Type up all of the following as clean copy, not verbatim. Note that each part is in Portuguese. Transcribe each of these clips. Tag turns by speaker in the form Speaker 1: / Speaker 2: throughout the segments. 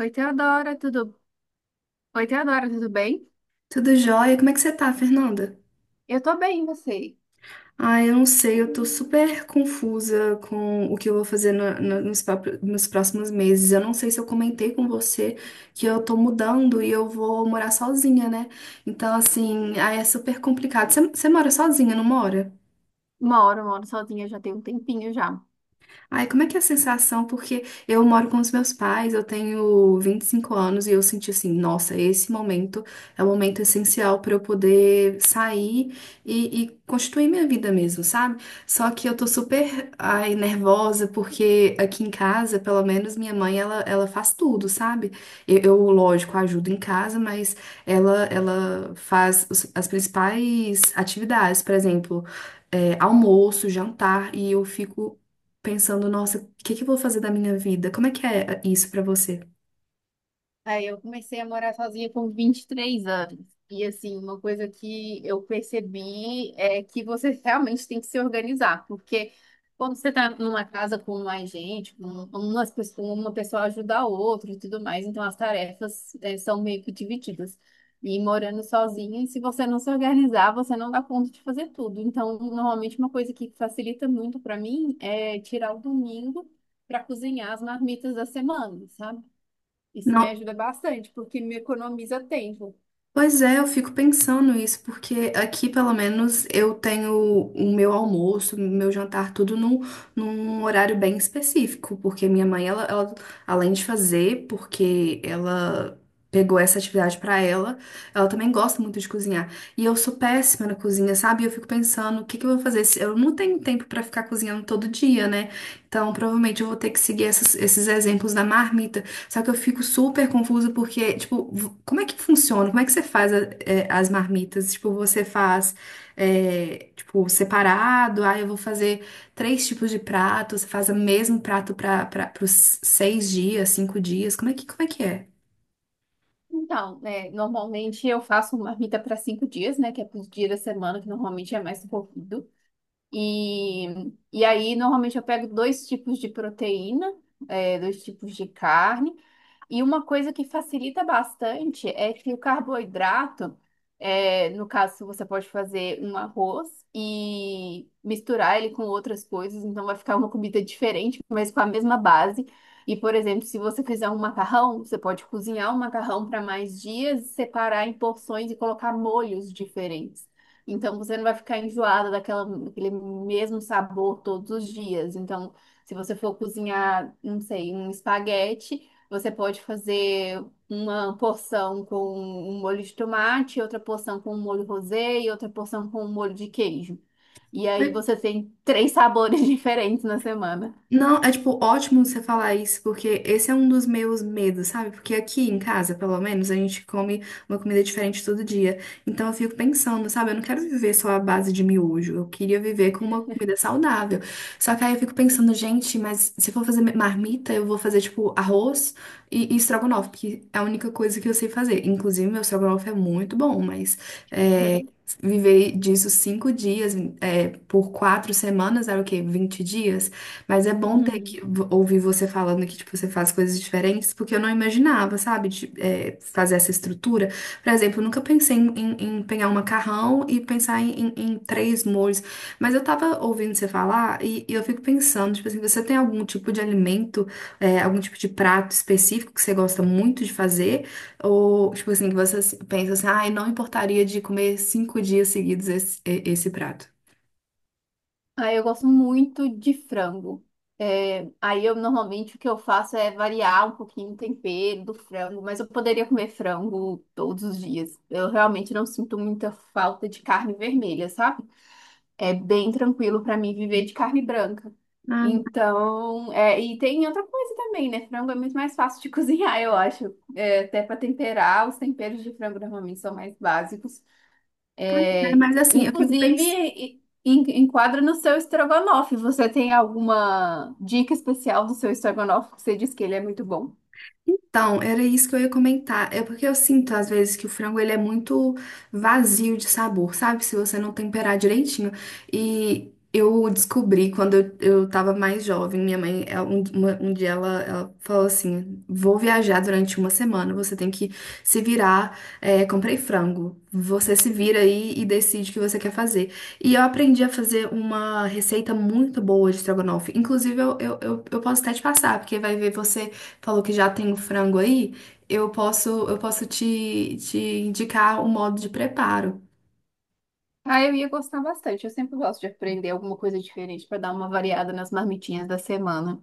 Speaker 1: Oi, Teodora, tudo bem?
Speaker 2: Tudo jóia? Como é que você tá, Fernanda?
Speaker 1: Eu tô bem, e você?
Speaker 2: Ah, eu não sei, eu tô super confusa com o que eu vou fazer nos próximos meses. Eu não sei se eu comentei com você que eu tô mudando e eu vou morar sozinha, né? Então, assim, é super complicado. Você mora sozinha, não mora?
Speaker 1: Moro sozinha já tem um tempinho já.
Speaker 2: Ai, como é que é a sensação? Porque eu moro com os meus pais, eu tenho 25 anos e eu senti assim, nossa, esse momento é o momento essencial para eu poder sair e constituir minha vida mesmo, sabe? Só que eu tô super, ai, nervosa porque aqui em casa, pelo menos minha mãe, ela faz tudo, sabe? Eu, lógico, ajudo em casa, mas ela faz as principais atividades, por exemplo, almoço, jantar, e eu fico pensando, nossa, o que que eu vou fazer da minha vida? Como é que é isso pra você?
Speaker 1: Aí eu comecei a morar sozinha com 23 anos. E assim, uma coisa que eu percebi é que você realmente tem que se organizar, porque quando você está numa casa com mais gente, com umas pessoas, uma pessoa ajuda a outra e tudo mais, então as tarefas, são meio que divididas. E morando sozinha, se você não se organizar, você não dá conta de fazer tudo. Então, normalmente uma coisa que facilita muito para mim é tirar o domingo para cozinhar as marmitas da semana, sabe? Isso
Speaker 2: Não.
Speaker 1: me ajuda bastante, porque me economiza tempo.
Speaker 2: Pois é, eu fico pensando isso, porque aqui pelo menos eu tenho o meu almoço, o meu jantar, tudo num horário bem específico, porque minha mãe, ela, além de fazer, porque ela pegou essa atividade pra ela, ela também gosta muito de cozinhar. E eu sou péssima na cozinha, sabe? E eu fico pensando, o que que eu vou fazer? Eu não tenho tempo pra ficar cozinhando todo dia, né? Então provavelmente eu vou ter que seguir esses exemplos da marmita, só que eu fico super confusa porque, tipo, como é que funciona? Como é que você faz as marmitas? Tipo, você faz, tipo, separado, eu vou fazer três tipos de prato, você faz o mesmo prato para os 6 dias, 5 dias, como é que é?
Speaker 1: Então, né, normalmente eu faço uma marmita para 5 dias, né, que é para os dias da semana, que normalmente é mais corrido. E, e aí, normalmente eu pego dois tipos de proteína, dois tipos de carne. E uma coisa que facilita bastante é que o carboidrato, no caso, você pode fazer um arroz e misturar ele com outras coisas, então vai ficar uma comida diferente, mas com a mesma base. E, por exemplo, se você fizer um macarrão, você pode cozinhar um macarrão para mais dias, separar em porções e colocar molhos diferentes. Então, você não vai ficar enjoada daquele mesmo sabor todos os dias. Então, se você for cozinhar, não sei, um espaguete. Você pode fazer uma porção com um molho de tomate, outra porção com um molho rosé e outra porção com um molho de queijo. E aí você tem três sabores diferentes na semana.
Speaker 2: Não, é tipo ótimo você falar isso, porque esse é um dos meus medos, sabe? Porque aqui em casa, pelo menos, a gente come uma comida diferente todo dia. Então eu fico pensando, sabe? Eu não quero viver só à base de miojo. Eu queria viver com uma comida saudável. Só que aí eu fico pensando, gente, mas se for fazer marmita, eu vou fazer tipo arroz e estrogonofe, porque é a única coisa que eu sei fazer. Inclusive, meu estrogonofe é muito bom, mas é, viver disso 5 dias, por 4 semanas, era o quê? 20 dias? Mas é bom ter que
Speaker 1: Uhum.
Speaker 2: ouvir você falando que, tipo, você faz coisas diferentes, porque eu não imaginava, sabe, fazer essa estrutura. Por exemplo, eu nunca pensei em pegar um macarrão e pensar em três molhos. Mas eu tava ouvindo você falar e eu fico pensando, tipo assim, você tem algum tipo de alimento, algum tipo de prato específico que você gosta muito de fazer? Ou, tipo assim, que você pensa assim, ai, não importaria de comer 5 dias seguidos esse prato?
Speaker 1: Aí eu gosto muito de frango. É, aí eu normalmente o que eu faço é variar um pouquinho o tempero do frango, mas eu poderia comer frango todos os dias. Eu realmente não sinto muita falta de carne vermelha, sabe? É bem tranquilo para mim viver de carne branca.
Speaker 2: Ah,
Speaker 1: Então, e tem outra coisa também, né? Frango é muito mais fácil de cozinhar, eu acho. É, até para temperar, os temperos de frango normalmente são mais básicos.
Speaker 2: pois é,
Speaker 1: É,
Speaker 2: mas assim, eu fico
Speaker 1: inclusive,
Speaker 2: pensando.
Speaker 1: enquadra no seu estrogonofe. Você tem alguma dica especial do seu estrogonofe que você diz que ele é muito bom?
Speaker 2: Então, era isso que eu ia comentar. É porque eu sinto às vezes que o frango ele é muito vazio de sabor, sabe? Se você não temperar direitinho. E eu descobri quando eu tava mais jovem, minha mãe, um dia ela falou assim: "Vou viajar durante uma semana, você tem que se virar. Comprei frango. Você se vira aí e decide o que você quer fazer." E eu aprendi a fazer uma receita muito boa de estrogonofe. Inclusive, eu posso até te passar, porque vai ver você falou que já tem o frango aí, eu posso te indicar o modo de preparo.
Speaker 1: Ah, eu ia gostar bastante. Eu sempre gosto de aprender alguma coisa diferente para dar uma variada nas marmitinhas da semana.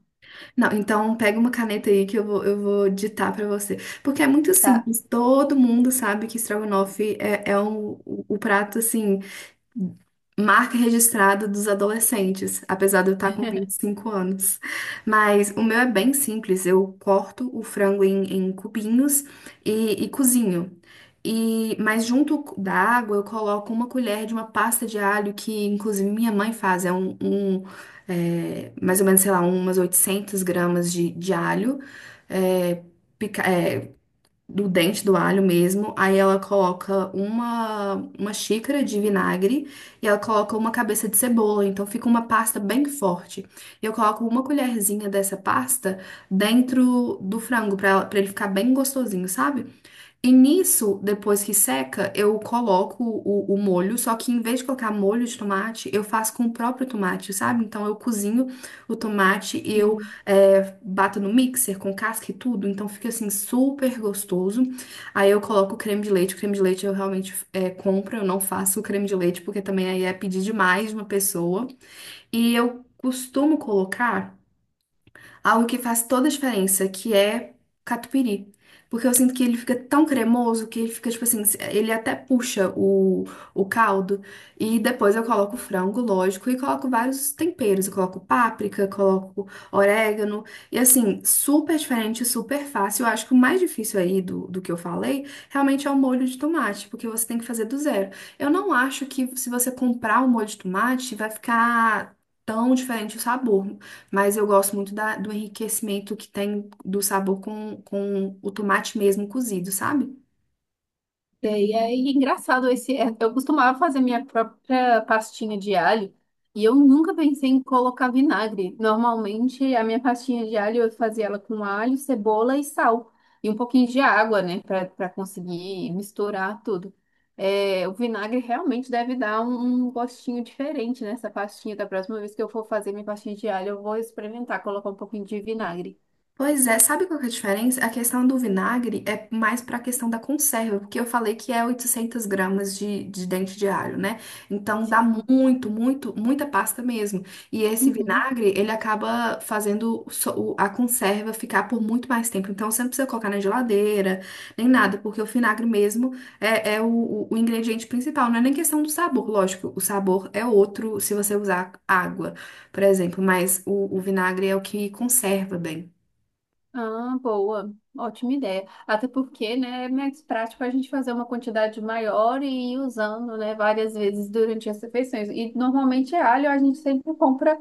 Speaker 2: Não, então pega uma caneta aí que eu vou ditar para você. Porque é muito
Speaker 1: Tá.
Speaker 2: simples, todo mundo sabe que estrogonofe é o prato assim marca registrada dos adolescentes, apesar de eu estar com 25 anos. Mas o meu é bem simples, eu corto o frango em cubinhos e cozinho. E, mas junto da água eu coloco uma colher de uma pasta de alho que inclusive minha mãe faz, mais ou menos, sei lá, umas 800 gramas de alho, é, do dente do alho mesmo. Aí ela coloca uma xícara de vinagre e ela coloca uma cabeça de cebola. Então fica uma pasta bem forte. E eu coloco uma colherzinha dessa pasta dentro do frango para ele ficar bem gostosinho, sabe? E nisso, depois que seca, eu coloco o molho, só que em vez de colocar molho de tomate, eu faço com o próprio tomate, sabe? Então eu cozinho o tomate e eu bato no mixer com casca e tudo, então fica assim super gostoso. Aí eu coloco o creme de leite, o creme de leite eu realmente compro, eu não faço o creme de leite, porque também aí é pedir demais de uma pessoa. E eu costumo colocar algo que faz toda a diferença, que é catupiry. Porque eu sinto que ele fica tão cremoso que ele fica, tipo assim, ele até puxa o caldo. E depois eu coloco o frango, lógico, e coloco vários temperos. Eu coloco páprica, coloco orégano. E assim, super diferente, super fácil. Eu acho que o mais difícil aí do que eu falei realmente é o molho de tomate, porque você tem que fazer do zero. Eu não acho que se você comprar o molho de tomate vai ficar tão diferente o sabor. Mas eu gosto muito do enriquecimento que tem do sabor com o tomate mesmo cozido, sabe?
Speaker 1: E aí, é engraçado, eu costumava fazer minha própria pastinha de alho e eu nunca pensei em colocar vinagre. Normalmente, a minha pastinha de alho eu fazia ela com alho, cebola e sal e um pouquinho de água, né, para conseguir misturar tudo. É, o vinagre realmente deve dar um gostinho diferente nessa pastinha. Da próxima vez que eu for fazer minha pastinha de alho, eu vou experimentar colocar um pouquinho de vinagre.
Speaker 2: Pois é, sabe qual que é a diferença? A questão do vinagre é mais para a questão da conserva, porque eu falei que é 800 gramas de dente de alho, né? Então dá
Speaker 1: Sim.
Speaker 2: muito, muito, muita pasta mesmo. E esse
Speaker 1: Uhum.
Speaker 2: vinagre, ele acaba fazendo a conserva ficar por muito mais tempo. Então você não precisa colocar na geladeira, nem nada, porque o vinagre mesmo é o ingrediente principal. Não é nem questão do sabor, lógico, o sabor é outro se você usar água, por exemplo, mas o vinagre é o que conserva bem.
Speaker 1: Ah, boa. Ótima ideia. Até porque, né, é mais prático a gente fazer uma quantidade maior e ir usando, né, várias vezes durante as refeições. E normalmente alho a gente sempre compra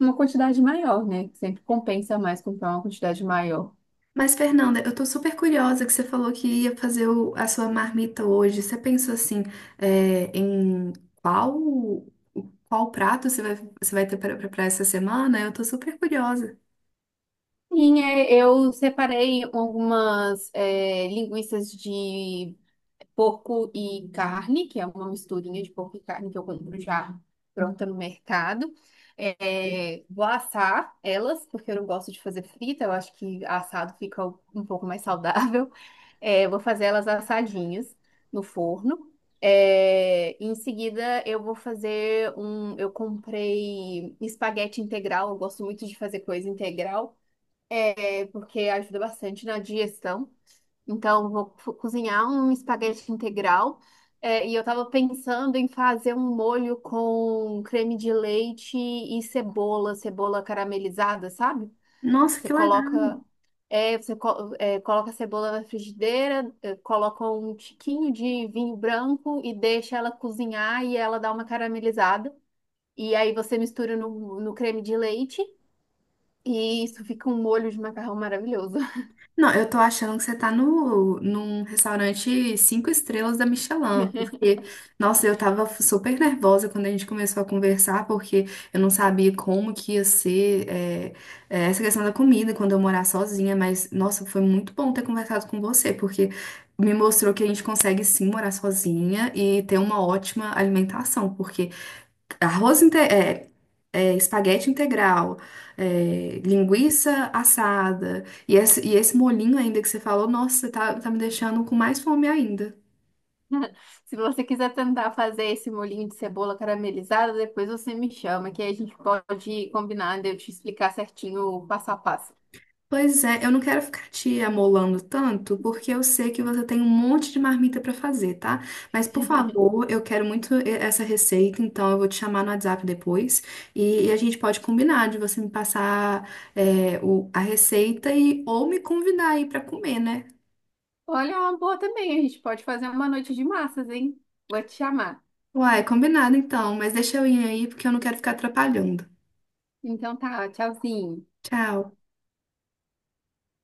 Speaker 1: uma quantidade maior, né? que Sempre compensa mais comprar uma quantidade maior.
Speaker 2: Mas, Fernanda, eu tô super curiosa que você falou que ia fazer a sua marmita hoje. Você pensou assim, em qual, qual prato você vai ter para preparar essa semana? Eu tô super curiosa.
Speaker 1: Sim, eu separei algumas linguiças de porco e carne, que é uma misturinha de porco e carne que eu compro já pronta no mercado. É, vou assar elas, porque eu não gosto de fazer frita, eu acho que assado fica um pouco mais saudável. É, vou fazer elas assadinhas no forno. É, em seguida, eu vou fazer um. Eu comprei espaguete integral. Eu gosto muito de fazer coisa integral, porque ajuda bastante na digestão. Então, eu vou cozinhar um espaguete integral. É, e eu tava pensando em fazer um molho com creme de leite e cebola, cebola caramelizada, sabe?
Speaker 2: Nossa,
Speaker 1: Você
Speaker 2: que
Speaker 1: coloca,
Speaker 2: legal!
Speaker 1: é, você co- é, Coloca a cebola na frigideira, coloca um tiquinho de vinho branco e deixa ela cozinhar e ela dá uma caramelizada. E aí você mistura no creme de leite e isso fica um molho de macarrão maravilhoso.
Speaker 2: Não, eu tô achando que você tá no, num restaurante cinco estrelas da Michelin, porque, nossa, eu tava super nervosa quando a gente começou a conversar, porque eu não sabia como que ia ser, essa questão da comida quando eu morar sozinha, mas, nossa, foi muito bom ter conversado com você, porque me mostrou que a gente consegue sim morar sozinha e ter uma ótima alimentação, porque arroz inte- é, é, espaguete integral, linguiça assada, e esse molhinho ainda que você falou, nossa, tá me deixando com mais fome ainda.
Speaker 1: Se você quiser tentar fazer esse molhinho de cebola caramelizada, depois você me chama, que aí a gente pode combinar de eu te explicar certinho o passo a passo.
Speaker 2: Pois é, eu não quero ficar te amolando tanto, porque eu sei que você tem um monte de marmita pra fazer, tá? Mas, por favor, eu quero muito essa receita, então eu vou te chamar no WhatsApp depois e a gente pode combinar de você me passar a receita e ou me convidar aí pra comer, né?
Speaker 1: Olha, é uma boa também, a gente pode fazer uma noite de massas, hein? Vou te chamar.
Speaker 2: Uai, combinado então, mas deixa eu ir aí porque eu não quero ficar atrapalhando.
Speaker 1: Então tá, tchauzinho.
Speaker 2: Tchau.